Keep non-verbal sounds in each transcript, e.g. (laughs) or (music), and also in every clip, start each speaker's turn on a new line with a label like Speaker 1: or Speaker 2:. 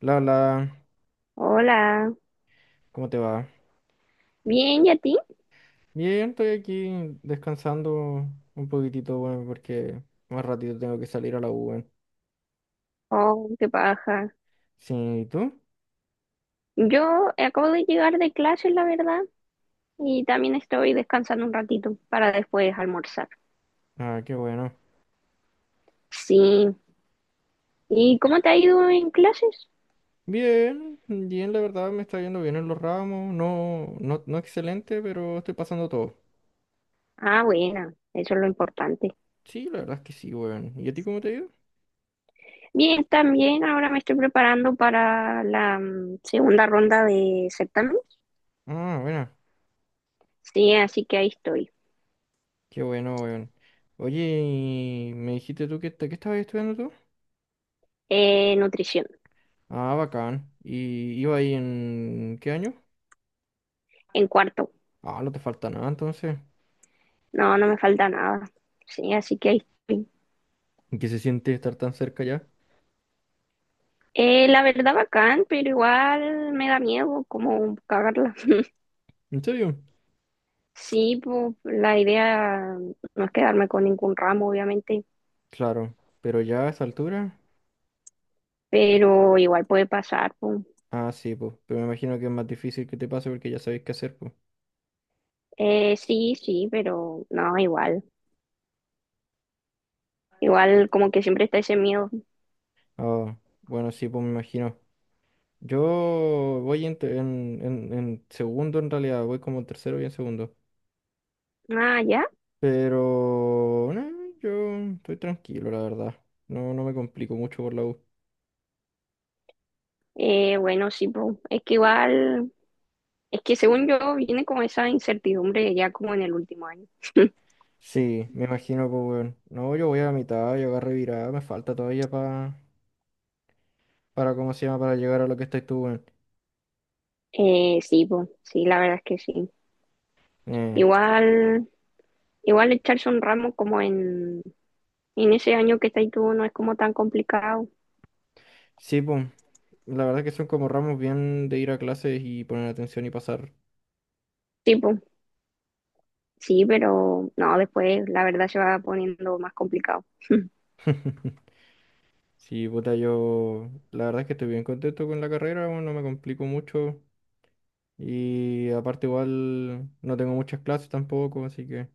Speaker 1: La, la,
Speaker 2: Hola,
Speaker 1: ¿Cómo te va?
Speaker 2: bien, ¿y a ti?
Speaker 1: Bien, estoy aquí descansando un poquitito, bueno, porque más ratito tengo que salir a la U, weón.
Speaker 2: Oh, qué paja.
Speaker 1: Sí, ¿y tú?
Speaker 2: Yo acabo de llegar de clases, la verdad, y también estoy descansando un ratito para después almorzar.
Speaker 1: Ah, qué bueno.
Speaker 2: Sí. ¿Y cómo te ha ido en clases?
Speaker 1: Bien, bien, la verdad me está yendo bien en los ramos, no excelente, pero estoy pasando todo.
Speaker 2: Ah, buena, eso es lo importante.
Speaker 1: Sí, la verdad es que sí, weón. ¿Y a ti cómo te ha ido?
Speaker 2: Bien, también ahora me estoy preparando para la segunda ronda de certamen.
Speaker 1: Ah, bueno,
Speaker 2: Sí, así que ahí estoy.
Speaker 1: qué bueno, weón. Oye, y me dijiste tú que estabas estudiando tú.
Speaker 2: Nutrición,
Speaker 1: Ah, bacán. ¿Y iba ahí en qué año?
Speaker 2: en cuarto.
Speaker 1: Ah, no te falta nada entonces.
Speaker 2: No, no me falta nada. Sí, así que ahí estoy.
Speaker 1: ¿Y qué se siente estar tan cerca ya?
Speaker 2: La verdad bacán, pero igual me da miedo como cagarla. (laughs)
Speaker 1: ¿En serio?
Speaker 2: Sí, pues la idea no es quedarme con ningún ramo, obviamente,
Speaker 1: Claro, pero ya a esa altura.
Speaker 2: pero igual puede pasar, pues.
Speaker 1: Ah, sí, pues. Pero me imagino que es más difícil que te pase porque ya sabéis qué hacer, pues.
Speaker 2: Sí, sí, pero no, igual. Igual como que siempre está ese miedo.
Speaker 1: Ah, bueno, sí, pues me imagino. Yo voy en segundo, en realidad. Voy como en tercero y en segundo.
Speaker 2: Ah, ya.
Speaker 1: Pero. No, yo estoy tranquilo, la verdad. No, no me complico mucho por la U.
Speaker 2: Bueno, sí, pues. Es que igual, es que según yo viene como esa incertidumbre ya como en el último año.
Speaker 1: Sí, me imagino, pues, weón. No, yo voy a la mitad, yo agarré virada. Me falta todavía para. Para, ¿cómo se llama? Para llegar a lo que estás tú, weón.
Speaker 2: Sí, pues, sí, la verdad es que sí.
Speaker 1: Eh,
Speaker 2: Igual, igual echarse un ramo como en ese año que estás tú no es como tan complicado.
Speaker 1: Sí, pues, la verdad que son como ramos bien de ir a clases y poner atención y pasar.
Speaker 2: Sí. Tipo, sí, pero no, después la verdad se va poniendo más complicado.
Speaker 1: (laughs) Sí, puta, yo la verdad es que estoy bien contento con la carrera, bueno, no me complico mucho y aparte igual no tengo muchas clases tampoco, así que...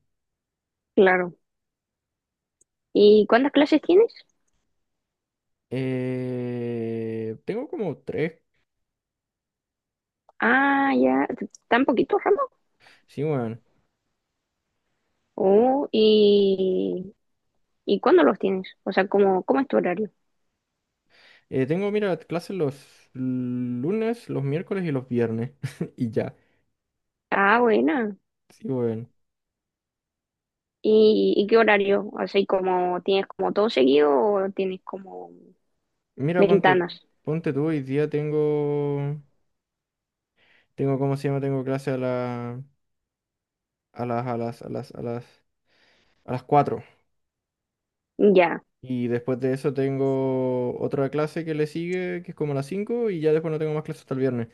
Speaker 2: Claro. ¿Y cuántas clases tienes?
Speaker 1: Tengo como tres,
Speaker 2: Ah, ya, tan poquitos Ramón.
Speaker 1: sí, bueno.
Speaker 2: Oh, ¿y cuándo los tienes? O sea, ¿cómo, cómo es tu horario?
Speaker 1: Tengo, mira, clases los lunes, los miércoles y los viernes (laughs) y ya,
Speaker 2: Ah, buena.
Speaker 1: sí, bueno.
Speaker 2: Y qué horario? ¿Así como tienes como todo seguido o tienes como
Speaker 1: Mira, ponte,
Speaker 2: ventanas?
Speaker 1: ponte tú, hoy día tengo... Tengo, ¿cómo se llama? Tengo clase a las, a las, a las, a las, a las 4.
Speaker 2: Ya,
Speaker 1: Y después de eso tengo otra clase que le sigue, que es como a las 5 y ya después no tengo más clases hasta el viernes.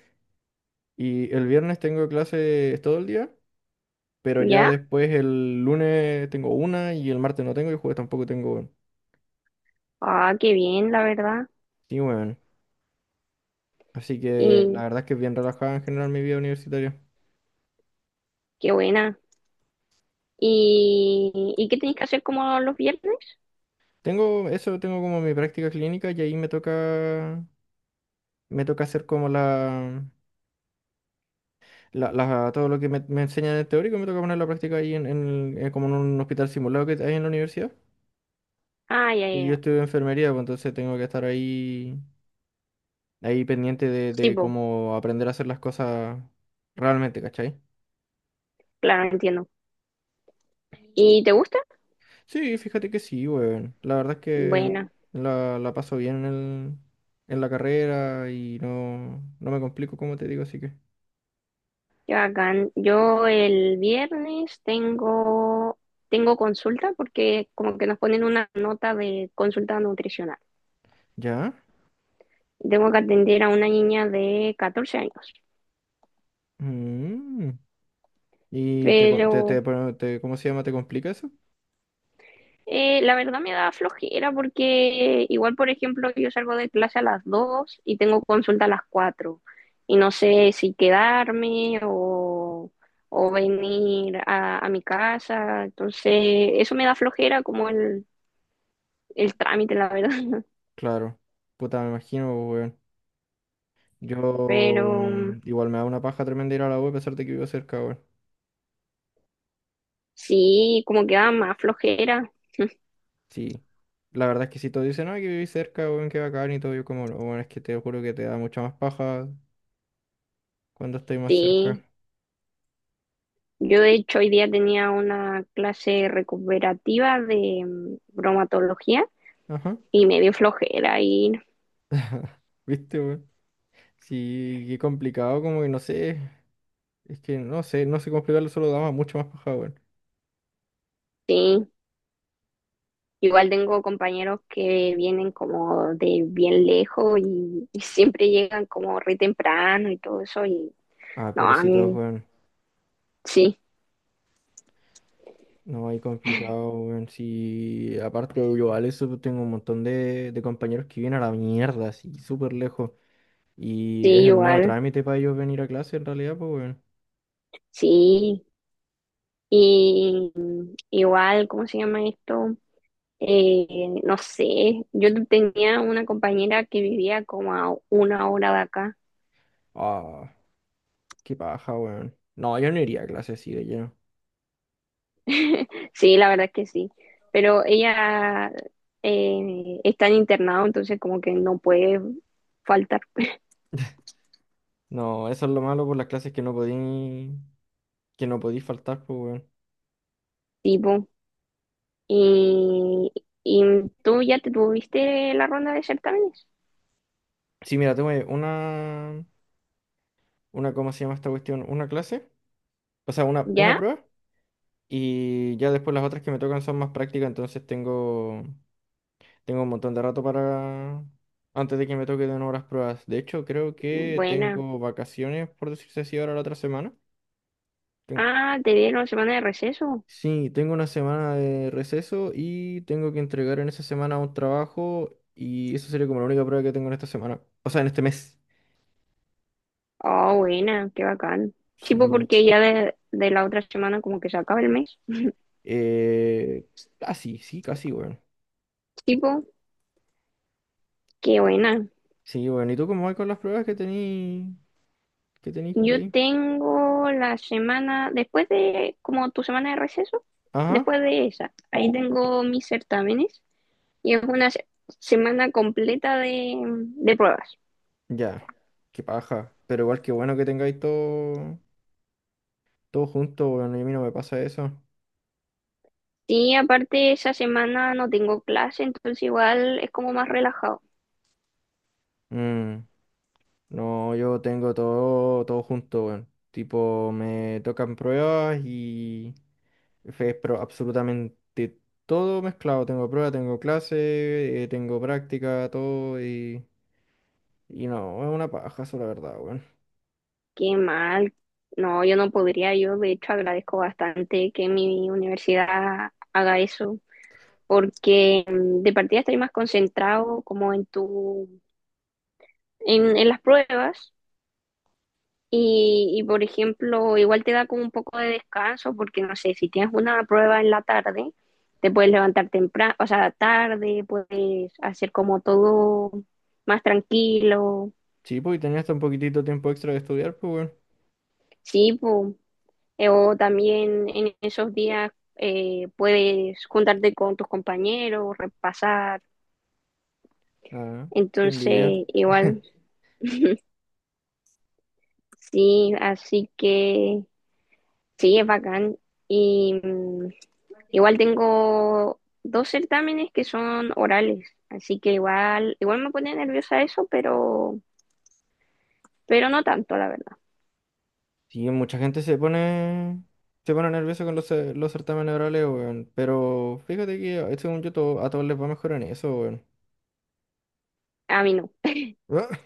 Speaker 1: Y el viernes tengo clases todo el día, pero ya
Speaker 2: ya.
Speaker 1: después el lunes tengo una y el martes no tengo y el jueves tampoco tengo, weón.
Speaker 2: Ah, qué bien, la verdad.
Speaker 1: Sí, weón. Así que
Speaker 2: Y
Speaker 1: la verdad es que es bien relajada en general mi vida universitaria.
Speaker 2: qué buena. ¿Y, y qué tenéis que hacer como los viernes?
Speaker 1: Tengo eso, tengo como mi práctica clínica y ahí me toca hacer como todo lo que me enseñan en el teórico me toca poner en la práctica ahí en como en un hospital simulado que hay en la universidad.
Speaker 2: Ah, ya, ya,
Speaker 1: Porque yo
Speaker 2: ya.
Speaker 1: estudio enfermería, pues entonces tengo que estar ahí, ahí pendiente de,
Speaker 2: Sí,
Speaker 1: de
Speaker 2: pues,
Speaker 1: cómo aprender a hacer las cosas realmente, ¿cachai?
Speaker 2: claro, entiendo. ¿Y te gusta?
Speaker 1: Sí, fíjate que sí, weón. La verdad es que
Speaker 2: Bueno,
Speaker 1: la paso bien en la carrera y no, no me complico, como te digo, así que.
Speaker 2: qué bacán. Yo el viernes tengo, tengo consulta porque como que nos ponen una nota de consulta nutricional.
Speaker 1: ¿Ya?
Speaker 2: Tengo que atender a una niña de 14 años.
Speaker 1: Mm. ¿Y te, co- te,
Speaker 2: Pero
Speaker 1: te, pro- te- cómo se llama? ¿Te complica eso?
Speaker 2: La verdad me da flojera porque igual, por ejemplo, yo salgo de clase a las 2 y tengo consulta a las 4 y no sé si quedarme o venir a mi casa. Entonces, eso me da flojera como el trámite, la verdad.
Speaker 1: Claro. Puta, me imagino, weón.
Speaker 2: (laughs)
Speaker 1: Yo
Speaker 2: Pero
Speaker 1: igual me da una paja tremenda ir a la U a pesar de que vivo cerca, weón.
Speaker 2: sí, como que da más flojera.
Speaker 1: Sí. La verdad es que si todos dicen, ay, que viví cerca, weón, que bacán y todo, yo como, no, weón, es que te juro que te da mucha más paja cuando estoy más cerca.
Speaker 2: Sí, yo de hecho hoy día tenía una clase recuperativa de bromatología
Speaker 1: Ajá,
Speaker 2: y me dio flojera ir.
Speaker 1: (laughs) ¿viste, weón? Sí, qué complicado, como que no sé. Es que no sé, no sé cómo explicarlo, solo da mucho más paja, weón.
Speaker 2: Sí. Igual tengo compañeros que vienen como de bien lejos y siempre llegan como re temprano y todo eso. Y
Speaker 1: Ah,
Speaker 2: no, a
Speaker 1: pobrecitos,
Speaker 2: mí
Speaker 1: weón.
Speaker 2: sí,
Speaker 1: No, hay complicado, weón. Sí, aparte yo, al eso pues, tengo un montón de compañeros que vienen a la mierda, así, súper lejos. Y es
Speaker 2: sí,
Speaker 1: el medio
Speaker 2: igual,
Speaker 1: trámite para ellos venir a clase en realidad, pues, weón.
Speaker 2: sí. Y igual, ¿cómo se llama esto? Eh, no sé, yo tenía una compañera que vivía como a una hora de acá.
Speaker 1: Ah, qué paja, weón. No, yo no iría a clase así de lleno.
Speaker 2: (laughs) Sí, la verdad es que sí. Pero ella está en internado, entonces como que no puede faltar
Speaker 1: No, eso es lo malo por las clases que no podí faltar, pues, weón.
Speaker 2: tipo. Y, y tú ya te tuviste la ronda de certámenes.
Speaker 1: Sí, mira, tengo una, ¿cómo se llama esta cuestión? Una clase, o sea, una
Speaker 2: ¿Ya?
Speaker 1: prueba. Y ya después las otras que me tocan son más prácticas, entonces tengo un montón de rato para, antes de que me toque de nuevo las pruebas. De hecho, creo que
Speaker 2: Buena.
Speaker 1: tengo vacaciones, por decirse así, ahora la otra semana. Ten-
Speaker 2: Ah, te dieron la semana de receso.
Speaker 1: Sí, tengo una semana de receso y tengo que entregar en esa semana un trabajo y esa sería como la única prueba que tengo en esta semana. O sea, en este mes.
Speaker 2: Oh, buena, qué bacán. Tipo,
Speaker 1: Sí.
Speaker 2: porque ya de la otra semana como que se acaba el mes.
Speaker 1: Eh, casi, sí, sí, casi, bueno.
Speaker 2: Tipo, qué buena.
Speaker 1: Sí, bueno. ¿Y tú cómo vas con las pruebas que tenéis por
Speaker 2: Yo
Speaker 1: ahí?
Speaker 2: tengo la semana, después de, como tu semana de receso,
Speaker 1: Ajá,
Speaker 2: después de esa, ahí tengo mis certámenes y es una semana completa de pruebas.
Speaker 1: ya. Qué paja. Pero igual que bueno que tengáis todo, todo junto, bueno. Y a mí no me pasa eso.
Speaker 2: Sí, aparte esa semana no tengo clase, entonces igual es como más relajado.
Speaker 1: Mm, no, yo tengo todo, todo junto, bueno. Tipo, me tocan pruebas y... Fue pero absolutamente todo mezclado. Tengo prueba, tengo clase, tengo práctica, todo y no, es una paja eso, la verdad, weón.
Speaker 2: Qué mal. No, yo no podría. Yo de hecho agradezco bastante que mi universidad haga eso, porque de partida estoy más concentrado como en en las pruebas y por ejemplo igual te da como un poco de descanso, porque no sé, si tienes una prueba en la tarde, te puedes levantar temprano, o sea, tarde, puedes hacer como todo más tranquilo.
Speaker 1: Sí, pues y tenía hasta un poquitito tiempo extra de estudiar, pues weón.
Speaker 2: Sí, pu. O también en esos días puedes juntarte con tus compañeros, repasar.
Speaker 1: Ah, qué envidia.
Speaker 2: Entonces, igual, sí, así que sí, es bacán. Y igual tengo dos certámenes que son orales, así que igual, igual me pone nerviosa eso, pero no tanto, la verdad.
Speaker 1: Sí, mucha gente se pone nerviosa con los certámenes orales, weón. Pero fíjate que según yo todo, a todos les va mejor en eso, weón.
Speaker 2: A mí no.
Speaker 1: (laughs) Ah,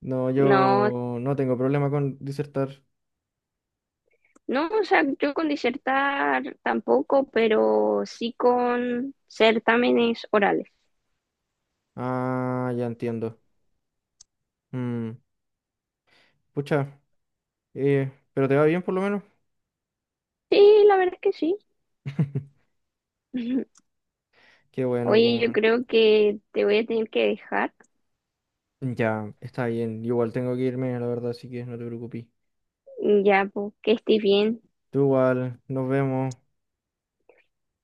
Speaker 1: no,
Speaker 2: No,
Speaker 1: yo no tengo problema con disertar.
Speaker 2: no, o sea, yo con disertar tampoco, pero sí con certámenes orales.
Speaker 1: Ah, ya entiendo. Mm, pucha, pero te va bien por lo menos.
Speaker 2: Sí, la verdad es que sí.
Speaker 1: (laughs)
Speaker 2: (laughs)
Speaker 1: Qué bueno,
Speaker 2: Oye, yo
Speaker 1: pues,
Speaker 2: creo que te voy a tener que dejar
Speaker 1: weón. Ya, está bien. Igual tengo que irme, la verdad, así que no te preocupes.
Speaker 2: ya, pues, que estés bien.
Speaker 1: Tú igual, nos vemos.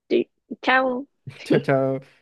Speaker 2: Sí, chao.
Speaker 1: (laughs) Chao,
Speaker 2: (laughs)
Speaker 1: chao.